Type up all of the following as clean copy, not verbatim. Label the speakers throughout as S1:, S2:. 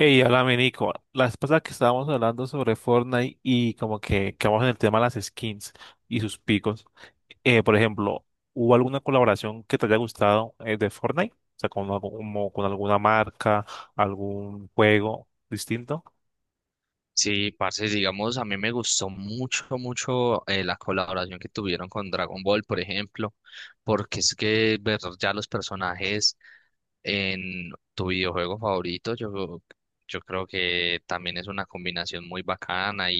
S1: Hey, háblame Nico. La vez pasada que estábamos hablando sobre Fortnite y como que quedamos en el tema de las skins y sus picos. Por ejemplo, ¿hubo alguna colaboración que te haya gustado de Fortnite? O sea, como con alguna marca, algún juego distinto.
S2: Sí, parce, digamos, a mí me gustó mucho, la colaboración que tuvieron con Dragon Ball, por ejemplo, porque es que ver ya los personajes en tu videojuego favorito, yo creo que también es una combinación muy bacana.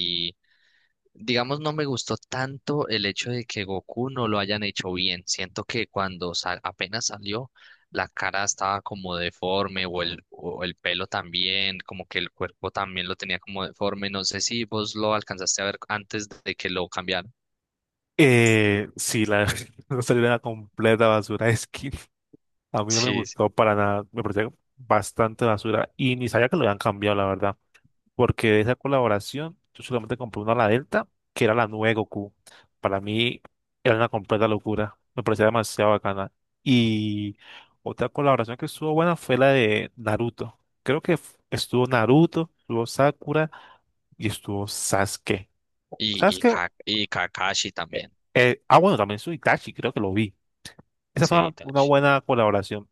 S2: Digamos, no me gustó tanto el hecho de que Goku no lo hayan hecho bien. Siento que apenas salió, la cara estaba como deforme o el pelo también, como que el cuerpo también lo tenía como deforme. No sé si vos lo alcanzaste a ver antes de que lo cambiaran.
S1: Sí, no salió una completa basura de skins. A mí no me
S2: Sí, sí.
S1: gustó para nada, me parecía bastante basura y ni sabía que lo habían cambiado, la verdad, porque de esa colaboración yo solamente compré una la Delta, que era la nueva Goku. Para mí era una completa locura, me parecía demasiado bacana. Y otra colaboración que estuvo buena fue la de Naruto. Creo que estuvo Naruto, estuvo Sakura y estuvo Sasuke.
S2: Y,
S1: ¿Sabes
S2: y,
S1: qué?
S2: Ka- y Kakashi
S1: Eh,
S2: también.
S1: bueno, también su Itachi, creo que lo vi. Esa
S2: Sí,
S1: fue una
S2: Itachi.
S1: buena colaboración.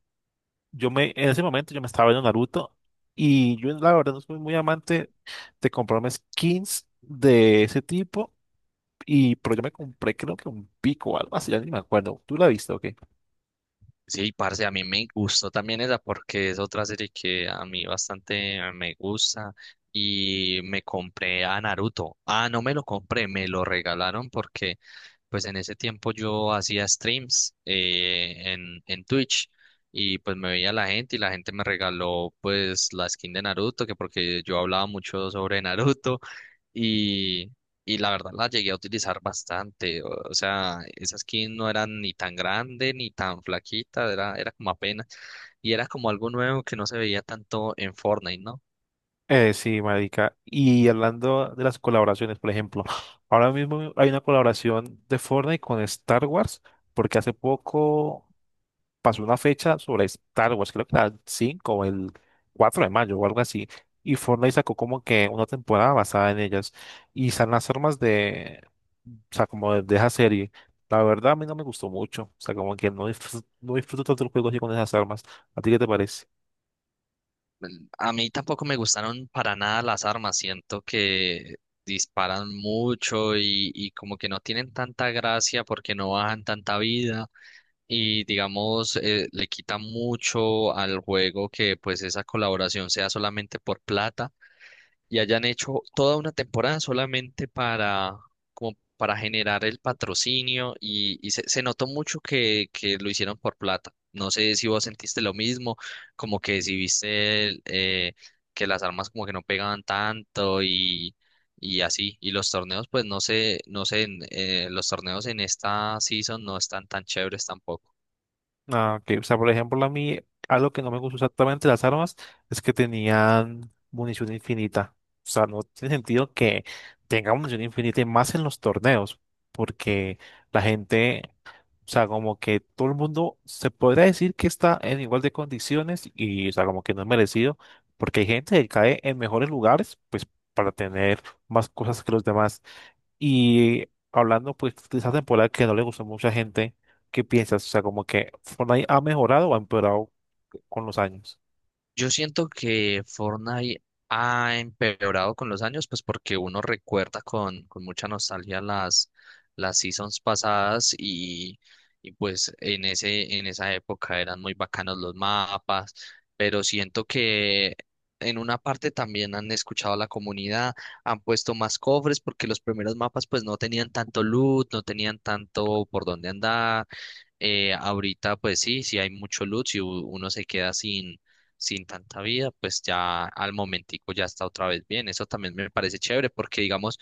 S1: En ese momento yo me estaba viendo Naruto y yo la verdad no soy muy amante de comprarme skins de ese tipo, pero yo me compré creo que un pico o algo así, ya ni me acuerdo. ¿Tú la viste o qué?
S2: Sí, parce, a mí me gustó también esa porque es otra serie que a mí bastante me gusta y me compré a Naruto. Ah, no me lo compré, me lo regalaron porque pues en ese tiempo yo hacía streams en Twitch, y pues me veía la gente y la gente me regaló pues la skin de Naruto, que porque yo hablaba mucho sobre Naruto, y, y la verdad la llegué a utilizar bastante. O sea, esa skin no era ni tan grande ni tan flaquita, era como apenas. Y era como algo nuevo que no se veía tanto en Fortnite, ¿no?
S1: Sí, marica. Y hablando de las colaboraciones, por ejemplo, ahora mismo hay una colaboración de Fortnite con Star Wars porque hace poco pasó una fecha sobre Star Wars. Creo que era el 5 o el 4 de mayo o algo así, y Fortnite sacó como que una temporada basada en ellas y están las armas de, o sea, como de esa serie. La verdad a mí no me gustó mucho, o sea, como que no disfruto tanto el juego así con esas armas. ¿A ti qué te parece?
S2: A mí tampoco me gustaron para nada las armas. Siento que disparan mucho y como que no tienen tanta gracia porque no bajan tanta vida. Y digamos, le quita mucho al juego que pues esa colaboración sea solamente por plata y hayan hecho toda una temporada solamente para, como para generar el patrocinio y se notó mucho que lo hicieron por plata. No sé si vos sentiste lo mismo, como que si viste que las armas como que no pegaban tanto y así. Y los torneos, pues no sé, no sé, los torneos en esta season no están tan chéveres tampoco.
S1: Ah, ok. O sea, por ejemplo, a mí algo que no me gustó exactamente de las armas es que tenían munición infinita. O sea, no tiene sentido que tenga munición infinita y más en los torneos, porque la gente, o sea, como que todo el mundo se podría decir que está en igual de condiciones y, o sea, como que no es merecido, porque hay gente que cae en mejores lugares, pues, para tener más cosas que los demás. Y hablando pues de esa temporada que no le gustó a mucha gente, ¿qué piensas? O sea, como que Fortnite ha mejorado o ha empeorado con los años.
S2: Yo siento que Fortnite ha empeorado con los años, pues porque uno recuerda con mucha nostalgia las seasons pasadas, y pues en en esa época eran muy bacanos los mapas, pero siento que en una parte también han escuchado a la comunidad, han puesto más cofres porque los primeros mapas pues no tenían tanto loot, no tenían tanto por dónde andar. Ahorita, pues sí, si hay mucho loot, si uno se queda sin tanta vida, pues ya al momentico ya está otra vez bien. Eso también me parece chévere porque, digamos,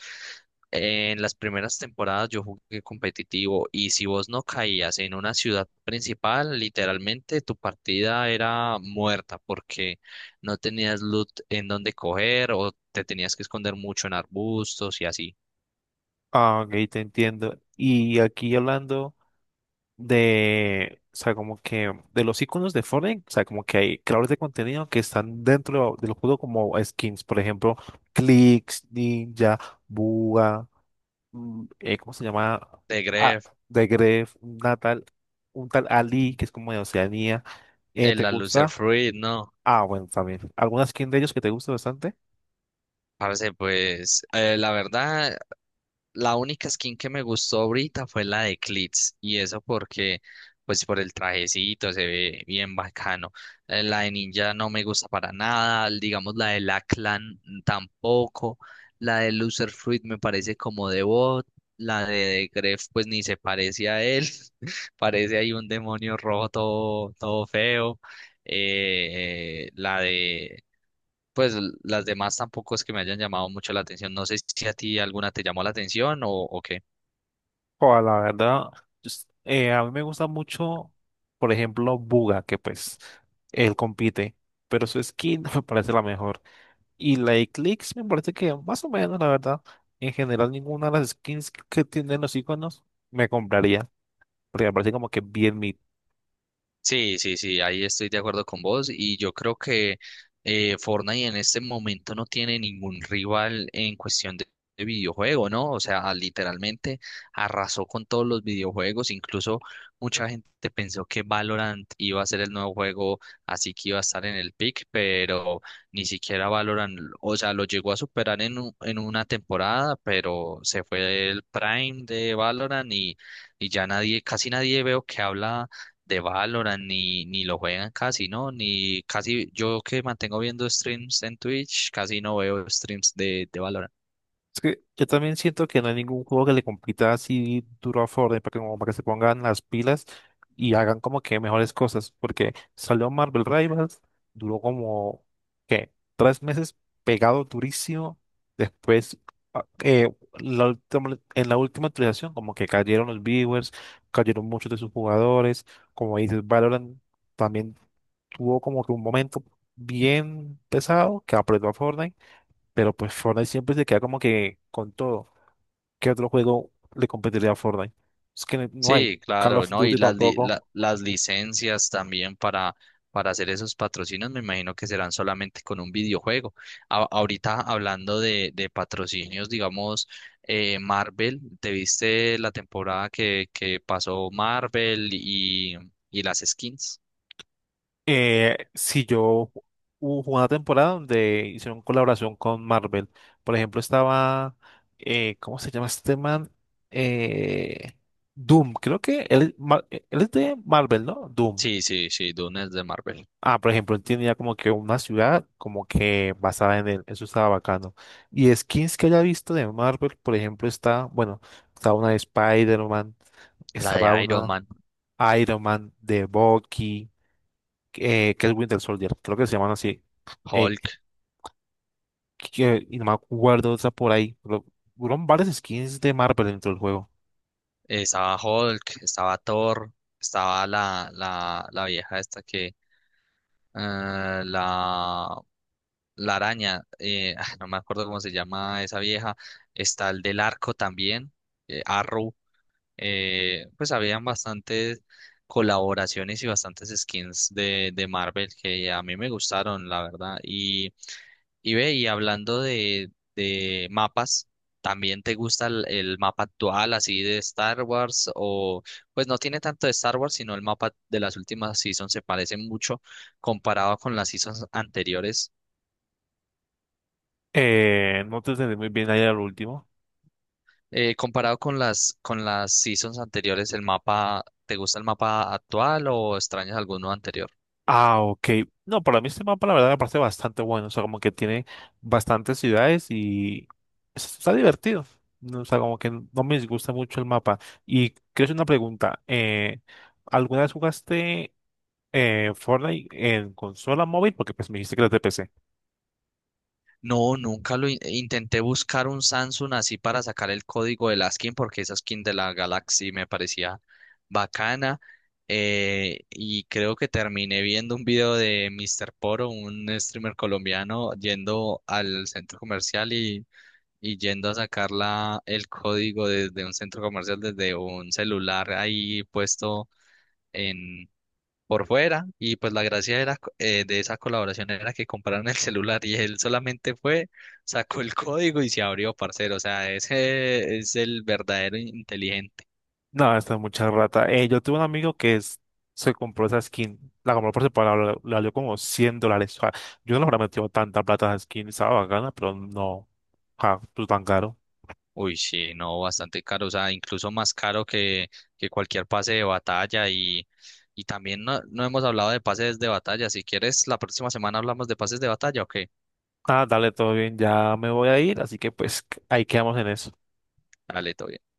S2: en las primeras temporadas yo jugué competitivo y si vos no caías en una ciudad principal, literalmente tu partida era muerta porque no tenías loot en donde coger o te tenías que esconder mucho en arbustos y así.
S1: Ah, ok, te entiendo. Y aquí hablando de, o sea, como que de los iconos de Fortnite, o sea, como que hay creadores de contenido que están dentro de los juegos como skins, por ejemplo, Clix, Ninja, Buga, ¿cómo se llama?
S2: De
S1: Ah,
S2: Grefg,
S1: The Gref, un tal Ali, que es como de Oceanía.
S2: el
S1: ¿Te
S2: la
S1: gusta?
S2: Fruit, no.
S1: Ah, bueno, también. ¿Alguna skin de ellos que te guste bastante?
S2: Parce, pues la verdad, la única skin que me gustó ahorita fue la de Klitz, y eso porque, pues por el trajecito se ve bien bacano. La de Ninja no me gusta para nada, digamos la de la Clan tampoco, la de Loser Fruit me parece como de bot, la de Gref pues ni se parece a él, parece ahí un demonio rojo todo, todo feo. La de pues l- Las demás tampoco es que me hayan llamado mucho la atención. No sé si a ti alguna te llamó la atención o qué.
S1: O la verdad, a mí me gusta mucho, por ejemplo, Buga, que pues él compite, pero su skin no me parece la mejor. Y la de Clix me parece que más o menos, la verdad, en general ninguna de las skins que tienen los iconos me compraría, porque me parece como que bien mid.
S2: Sí, sí, sí, ahí estoy de acuerdo con vos y yo creo que Fortnite en este momento no tiene ningún rival en cuestión de videojuego, ¿no? O sea, literalmente arrasó con todos los videojuegos, incluso mucha gente pensó que Valorant iba a ser el nuevo juego, así que iba a estar en el pick, pero ni siquiera Valorant, o sea, lo llegó a superar en, en una temporada, pero se fue el prime de Valorant y ya nadie, casi nadie veo que habla de Valorant ni, ni lo juegan casi, ¿no? Ni casi, yo que mantengo viendo streams en Twitch, casi no veo streams de Valorant.
S1: Es que yo también siento que no hay ningún juego que le compita así duro a Fortnite para que, como para que se pongan las pilas y hagan como que mejores cosas. Porque salió Marvel Rivals, duró como, ¿qué? 3 meses pegado durísimo. Después, ah, eh, en la última actualización, como que cayeron los viewers, cayeron muchos de sus jugadores. Como dices, Valorant también tuvo como que un momento bien pesado que apretó a Fortnite, pero pues Fortnite siempre se queda como que con todo. ¿Qué otro juego le competiría a Fortnite? Es que no hay.
S2: Sí,
S1: Call
S2: claro,
S1: of
S2: ¿no? Y
S1: Duty tampoco.
S2: las licencias también para hacer esos patrocinios, me imagino que serán solamente con un videojuego. Ahorita hablando de patrocinios, digamos, Marvel, ¿te viste la temporada que pasó Marvel y las skins?
S1: Si yo hubo una temporada donde hicieron colaboración con Marvel. Por ejemplo, estaba, ¿cómo se llama este man? Eh, Doom, creo que él es de Marvel, ¿no? Doom.
S2: Sí, sí, sí, Dune es de Marvel.
S1: Ah, por ejemplo, él tenía como que una ciudad como que basada en él. Eso estaba bacano. Y skins que haya visto de Marvel, por ejemplo, está, bueno, está una de Spider-Man,
S2: La
S1: estaba
S2: de Iron
S1: una
S2: Man.
S1: Iron Man de Bucky, que es Winter Soldier, creo que se llaman así. Eh,
S2: Hulk,
S1: y no me acuerdo otra por ahí. Pero, fueron varias skins de Marvel dentro del juego.
S2: estaba Hulk, estaba Thor, estaba la vieja esta que, eh, la, la araña, ah, no me acuerdo cómo se llama esa vieja, está el del arco también, Arrow, pues habían bastantes colaboraciones y bastantes skins de Marvel que a mí me gustaron, la verdad, y Y ve, y hablando de mapas, ¿también te gusta el mapa actual, así de Star Wars? O, pues no tiene tanto de Star Wars, sino el mapa de las últimas seasons se parece mucho comparado con las seasons anteriores.
S1: No te entendí muy bien ahí al último.
S2: Comparado con con las seasons anteriores, ¿el mapa, te gusta el mapa actual o extrañas alguno anterior?
S1: Ah, ok. No, para mí este mapa la verdad me parece bastante bueno. O sea, como que tiene bastantes ciudades y está divertido. No, o sea, como que no me disgusta mucho el mapa. Y quiero hacer una pregunta. ¿Alguna vez jugaste Fortnite en consola móvil? Porque pues me dijiste que era de PC.
S2: No, nunca lo intenté buscar un Samsung así para sacar el código de la skin porque esa skin de la Galaxy me parecía bacana. Eh, y creo que terminé viendo un video de Mr. Poro, un streamer colombiano, yendo al centro comercial y yendo a sacar la, el código desde un centro comercial, desde un celular ahí puesto por fuera y pues la gracia era, de esa colaboración era que compraron el celular y él solamente fue, sacó el código y se abrió, parcero, o sea, ese es el verdadero inteligente.
S1: No, esta es mucha rata. Yo tuve un amigo se compró esa skin. La compró por separado, le valió como 100 dólares. O sea, yo no le habría metido tanta plata a esa skin. Estaba bacana, pero no. Ah, pues tan caro.
S2: Uy, sí, no, bastante caro, o sea, incluso más caro que cualquier pase de batalla y también no, no hemos hablado de pases de batalla, si quieres la próxima semana hablamos de pases de batalla o qué,
S1: Ah, dale, todo bien, ya me voy a ir, así que pues ahí quedamos en eso.
S2: dale, todo bien.